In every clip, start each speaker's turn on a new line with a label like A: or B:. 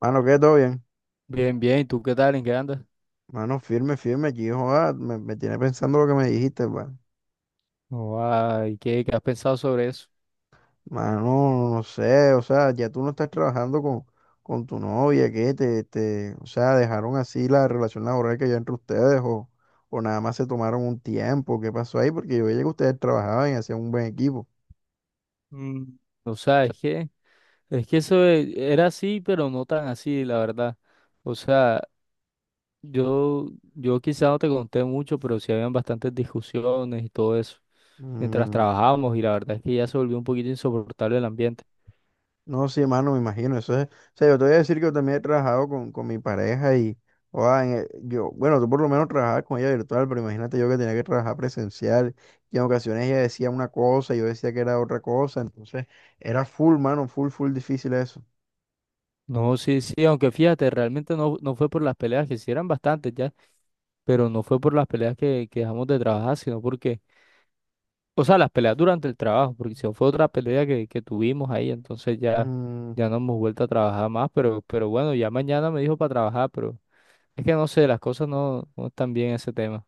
A: Mano, ¿qué? ¿Todo bien?
B: Bien, bien. ¿Y tú qué tal? ¿En qué andas?
A: Mano, firme, firme. Aquí, joda, me tiene pensando lo que me dijiste, pa.
B: No, ay, ¿qué has pensado sobre eso?
A: Mano, no sé, o sea, ya tú no estás trabajando con tu novia, ¿qué? O sea, ¿dejaron así la relación laboral que había entre ustedes o nada más se tomaron un tiempo? ¿Qué pasó ahí? Porque yo veía que ustedes trabajaban y hacían un buen equipo.
B: Mm, O sea, es que eso era así, pero no tan así, la verdad. O sea, yo, yo quizá no te conté mucho, pero sí habían bastantes discusiones y todo eso mientras
A: Mm.
B: trabajábamos, y la verdad es que ya se volvió un poquito insoportable el ambiente.
A: No, sí, hermano, me imagino. Eso es, o sea, yo te voy a decir que yo también he trabajado con mi pareja y, o sea, yo, bueno, tú por lo menos trabajabas con ella virtual, pero imagínate yo que tenía que trabajar presencial y en ocasiones ella decía una cosa y yo decía que era otra cosa, entonces era full, mano, full, full difícil eso.
B: No, sí, sí, aunque fíjate, realmente no fue por las peleas, que sí eran bastantes ya, pero no fue por las peleas que dejamos de trabajar, sino porque... O sea, las peleas durante el trabajo, porque si no fue otra pelea que tuvimos ahí, entonces ya no hemos vuelto a trabajar más, pero bueno, ya mañana me dijo para trabajar, pero es que no sé, las cosas no están bien en ese tema.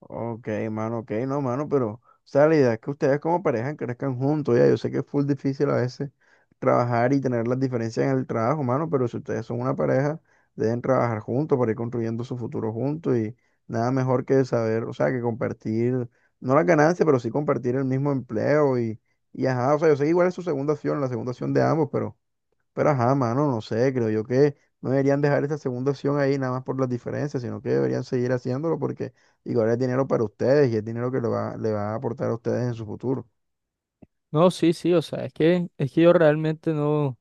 A: Ok, mano, ok, no, mano, pero, o sea, la idea es que ustedes como pareja crezcan juntos, ya, yo sé que es full difícil a veces trabajar y tener las diferencias en el trabajo, mano, pero si ustedes son una pareja, deben trabajar juntos para ir construyendo su futuro juntos y nada mejor que saber, o sea, que compartir, no las ganancias, pero sí compartir el mismo empleo y ajá, o sea, yo sé que igual es su segunda opción, la segunda opción de ambos, pero ajá, mano, no sé, creo yo que no deberían dejar esa segunda opción ahí nada más por las diferencias, sino que deberían seguir haciéndolo porque igual es dinero para ustedes y es dinero que le va a aportar a ustedes en su futuro.
B: No, sí, sí, o sea, es que yo realmente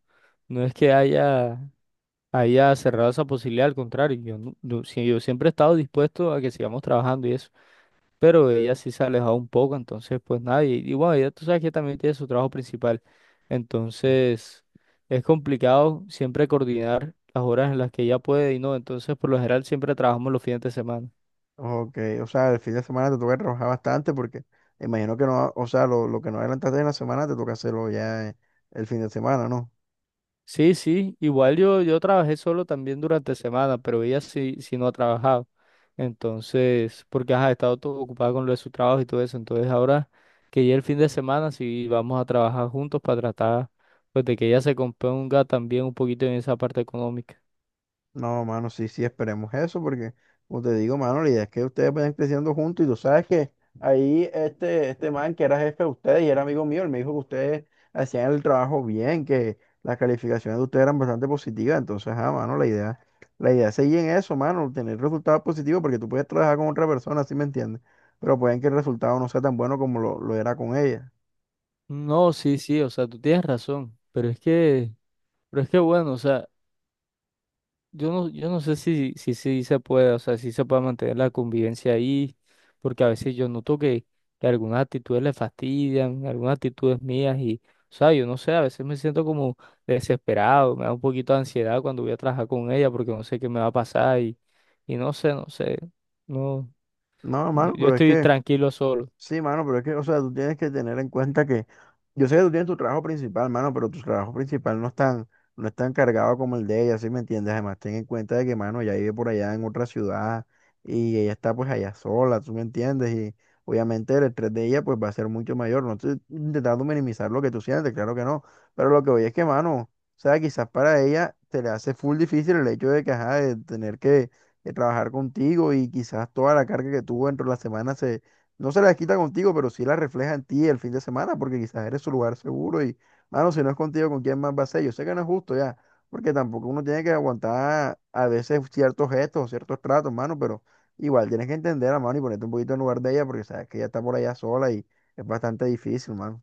B: no es que haya, haya cerrado esa posibilidad, al contrario, yo, no- yo, sí, yo siempre he estado dispuesto a que sigamos trabajando y eso. Pero ella sí se ha alejado un poco, entonces pues nada, y bueno, ella tú sabes que también tiene su trabajo principal, entonces es complicado siempre coordinar las horas en las que ella puede y no, entonces por lo general siempre trabajamos los fines de semana.
A: Ok, o sea, el fin de semana te toca trabajar bastante porque imagino que no, o sea, lo que no adelantaste en la semana te toca hacerlo ya el fin de semana, ¿no?
B: Sí, sí, igual yo trabajé solo también durante semana, pero ella sí no ha trabajado. Entonces, porque ajá, ha estado todo ocupada con lo de su trabajo y todo eso. Entonces, ahora que ya el fin de semana sí vamos a trabajar juntos para tratar pues de que ella se componga también un poquito en esa parte económica.
A: No, mano, sí, sí, esperemos eso, porque, como te digo, mano, la idea es que ustedes vayan creciendo juntos y tú sabes que ahí este, este man que era jefe de ustedes y era amigo mío, él me dijo que ustedes hacían el trabajo bien, que las calificaciones de ustedes eran bastante positivas, entonces, ah, mano, la idea es seguir en eso, mano, tener resultados positivos, porque tú puedes trabajar con otra persona, ¿sí me entiendes? Pero pueden que el resultado no sea tan bueno como lo era con ella.
B: No, sí, sí, o sea, tú tienes razón, pero es que bueno, o sea, yo no sé si, sí se puede, o sea, si se puede mantener la convivencia ahí, porque a veces yo noto que algunas actitudes le fastidian, algunas actitudes mías y, o sea, yo no sé, a veces me siento como desesperado, me da un poquito de ansiedad cuando voy a trabajar con ella porque no sé qué me va a pasar y no sé, no sé, no,
A: No,
B: no,
A: mano,
B: yo
A: pero es
B: estoy
A: que...
B: tranquilo solo.
A: Sí, mano, pero es que, o sea, tú tienes que tener en cuenta que, yo sé que tú tienes tu trabajo principal, mano, pero tu trabajo principal no es tan, no es tan cargado como el de ella, ¿sí me entiendes? Además, ten en cuenta de que, mano, ella vive por allá en otra ciudad y ella está pues allá sola, ¿tú me entiendes? Y obviamente el estrés de ella pues va a ser mucho mayor. No estoy intentando minimizar lo que tú sientes, claro que no, pero lo que voy es que, mano, o sea, quizás para ella se le hace full difícil el hecho de que, ajá, de tener que trabajar contigo y quizás toda la carga que tuvo dentro de la semana se no se las quita contigo, pero sí las refleja en ti el fin de semana, porque quizás eres su lugar seguro y, mano, si no es contigo, ¿con quién más va a ser? Yo sé que no es justo ya, porque tampoco uno tiene que aguantar a veces ciertos gestos o ciertos tratos, mano, pero igual tienes que entender a mano y ponerte un poquito en lugar de ella, porque sabes que ella está por allá sola y es bastante difícil, mano.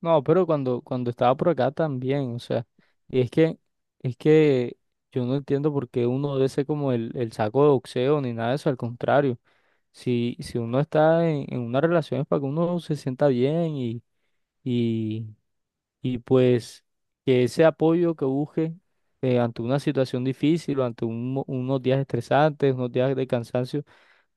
B: No, pero cuando estaba por acá también, o sea, y es que, es que yo no entiendo por qué uno debe ser como el saco de boxeo ni nada de eso, al contrario, si uno está en una relación es para que uno se sienta bien y, y pues que ese apoyo que busque ante una situación difícil o ante un unos días estresantes, unos días de cansancio,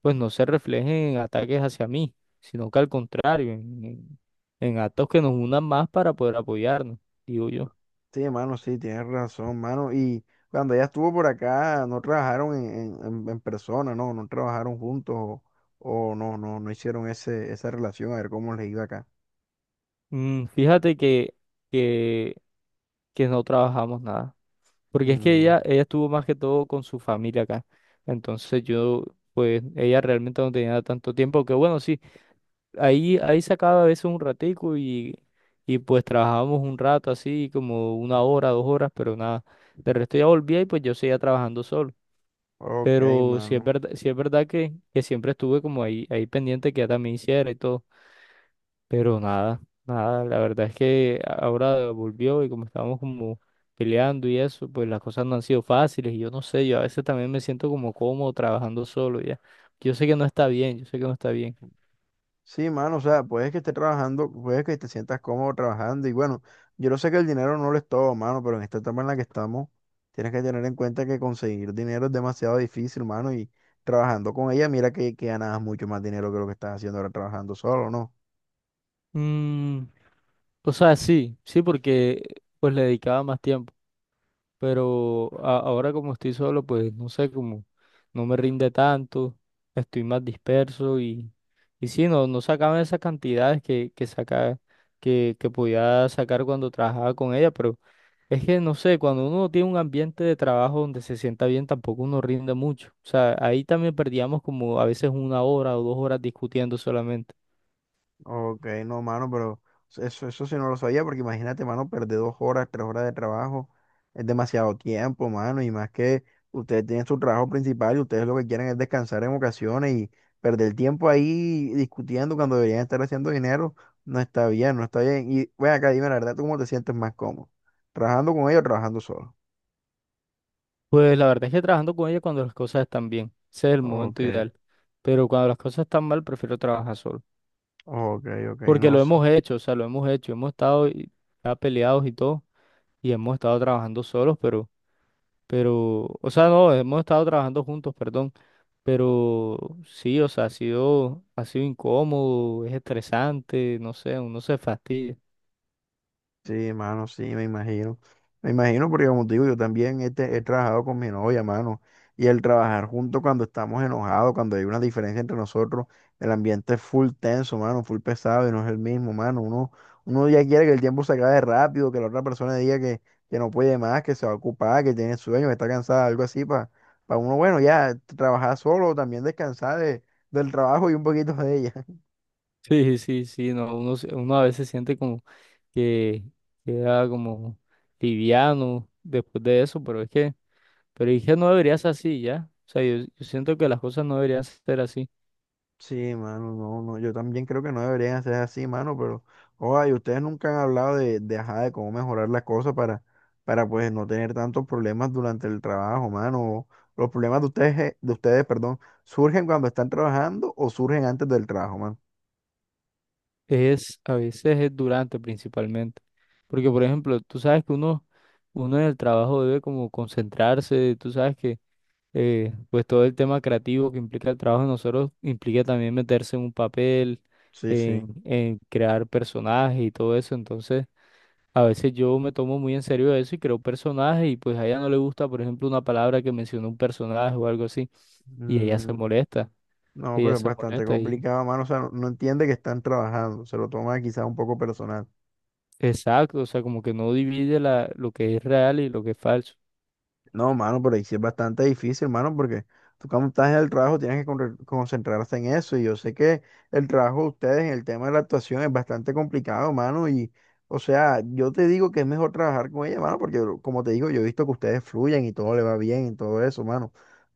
B: pues no se reflejen en ataques hacia mí, sino que al contrario, en actos que nos unan más para poder apoyarnos, digo yo.
A: Sí, mano, sí, tienes razón, mano. Y cuando ella estuvo por acá, no trabajaron en, en persona, no, no trabajaron juntos o no, no, no hicieron ese, esa relación, a ver cómo les iba acá.
B: Fíjate que, que no trabajamos nada, porque es que
A: Mm.
B: ella estuvo más que todo con su familia acá, entonces pues ella realmente no tenía tanto tiempo, que bueno, sí, ahí sacaba a veces un ratico y pues trabajábamos un rato así, como una hora, dos horas, pero nada, de resto ya volvía y pues yo seguía trabajando solo.
A: Ok,
B: Pero
A: mano.
B: sí es verdad que siempre estuve como ahí, ahí pendiente que ya también hiciera y todo. Pero nada, nada, la verdad es que ahora volvió y como estábamos como peleando y eso, pues las cosas no han sido fáciles y yo no sé, yo a veces también me siento como cómodo trabajando solo ya. Yo sé que no está bien, yo sé que no está bien.
A: Sí, mano, o sea, puedes que estés trabajando, puedes que te sientas cómodo trabajando y bueno, yo no sé que el dinero no lo es todo, mano, pero en esta etapa en la que estamos, tienes que tener en cuenta que conseguir dinero es demasiado difícil, mano, y trabajando con ella, mira que ganas mucho más dinero que lo que estás haciendo ahora trabajando solo, ¿no?
B: Mm, o sea, sí, sí, porque pues le dedicaba más tiempo. Pero ahora como estoy solo, pues no sé, como no me rinde tanto, estoy más disperso y sí, no, no sacaba esas cantidades que podía sacar cuando trabajaba con ella, pero es que no sé, cuando uno tiene un ambiente de trabajo donde se sienta bien, tampoco uno rinde mucho. O sea, ahí también perdíamos como a veces una hora o dos horas discutiendo solamente.
A: Ok, no, mano, pero eso sí no lo sabía, porque imagínate, mano, perder dos horas, tres horas de trabajo, es demasiado tiempo, mano, y más que ustedes tienen su trabajo principal y ustedes lo que quieren es descansar en ocasiones y perder el tiempo ahí discutiendo cuando deberían estar haciendo dinero, no está bien, no está bien. Y ven acá, dime la verdad, ¿tú cómo te sientes más cómodo? ¿Trabajando con ellos o trabajando solo?
B: Pues la verdad es que trabajando con ella cuando las cosas están bien, ese es el momento
A: Ok,
B: ideal. Pero cuando las cosas están mal, prefiero trabajar solo.
A: ok, ok,
B: Porque
A: no.
B: lo hemos hecho, o sea, lo hemos hecho, hemos estado ya peleados y todo, y hemos estado trabajando solos, pero, o sea, no, hemos estado trabajando juntos, perdón, pero sí, o sea, ha sido incómodo, es estresante, no sé, uno se fastidia.
A: Sí, mano, sí, me imagino. Me imagino porque como te digo, yo también este, he trabajado con mi novia, mano. Y el trabajar juntos cuando estamos enojados, cuando hay una diferencia entre nosotros, el ambiente es full tenso, mano, full pesado y no es el mismo, mano. Uno, uno ya quiere que el tiempo se acabe rápido, que la otra persona diga que no puede más, que se va a ocupar, que tiene sueño, que está cansada, algo así, para uno, bueno, ya trabajar solo, también descansar de, del trabajo y un poquito de ella.
B: Sí, sí, sí, no, uno, uno a veces siente como que queda como liviano después de eso, pero es que no debería ser así, ¿ya? O sea, yo siento que las cosas no deberían ser así.
A: Sí, mano, no, no, yo también creo que no deberían hacer así, mano, pero, oye, ustedes nunca han hablado de, ajá, de cómo mejorar las cosas para, pues, no tener tantos problemas durante el trabajo, mano. Los problemas de ustedes, perdón, ¿surgen cuando están trabajando o surgen antes del trabajo, mano?
B: Es a veces es durante principalmente. Porque, por ejemplo, tú sabes que uno en el trabajo debe como concentrarse, tú sabes que pues todo el tema creativo que implica el trabajo de nosotros implica también meterse en un papel,
A: Sí, sí.
B: en crear personajes y todo eso. Entonces, a veces yo me tomo muy en serio eso y creo personajes y pues a ella no le gusta, por ejemplo, una palabra que mencionó un personaje o algo así y
A: Mm, no,
B: ella
A: pero es
B: se
A: bastante
B: molesta y...
A: complicado, mano, o sea, no, no entiende que están trabajando, se lo toma quizás un poco personal.
B: Exacto, o sea, como que no divide lo que es real y lo que es falso.
A: No, mano, pero ahí sí es bastante difícil, mano, porque tú cuando estás en el trabajo tienes que concentrarse en eso. Y yo sé que el trabajo de ustedes en el tema de la actuación es bastante complicado, mano. Y, o sea, yo te digo que es mejor trabajar con ella, mano, porque como te digo, yo he visto que ustedes fluyen y todo le va bien y todo eso, mano.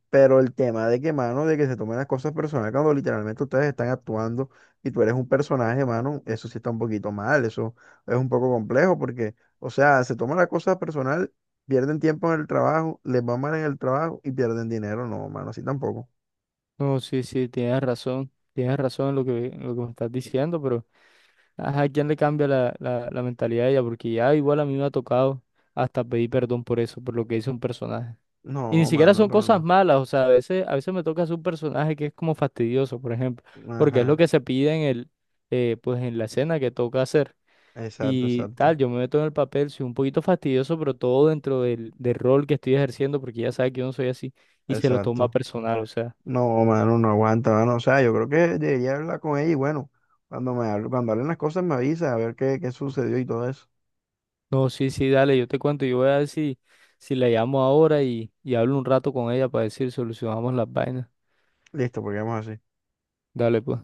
A: Pero el tema de que, mano, de que se tomen las cosas personales cuando literalmente ustedes están actuando y tú eres un personaje, mano, eso sí está un poquito mal, eso es un poco complejo porque, o sea, se toman las cosas personal, pierden tiempo en el trabajo, les va mal en el trabajo y pierden dinero, no, mano, así tampoco.
B: No, sí, sí, tienes razón en lo en lo que me estás diciendo, pero ajá, ¿quién le cambia la mentalidad a ella? Porque ya igual a mí me ha tocado hasta pedir perdón por eso, por lo que hizo un personaje. Y ni
A: No,
B: siquiera
A: mano,
B: son
A: pero
B: cosas
A: no.
B: malas, o sea, a veces me toca hacer un personaje que es como fastidioso, por ejemplo, porque es lo
A: Ajá,
B: que se pide en pues en la escena que toca hacer.
A: exacto,
B: Y
A: exacto,
B: tal, yo me meto en el papel, soy un poquito fastidioso, pero todo dentro del rol que estoy ejerciendo, porque ya sabe que yo no soy así, y se lo toma
A: exacto.
B: personal, o sea,
A: No, mano, no aguanta, mano, o sea, yo creo que debería hablar con ella y bueno, cuando hablen las cosas me avisa a ver qué, qué sucedió y todo eso.
B: no, sí, sí, dale, yo te cuento, yo voy a ver si, si la llamo ahora y hablo un rato con ella para decir, solucionamos las vainas.
A: Listo, porque vamos así.
B: Dale, pues.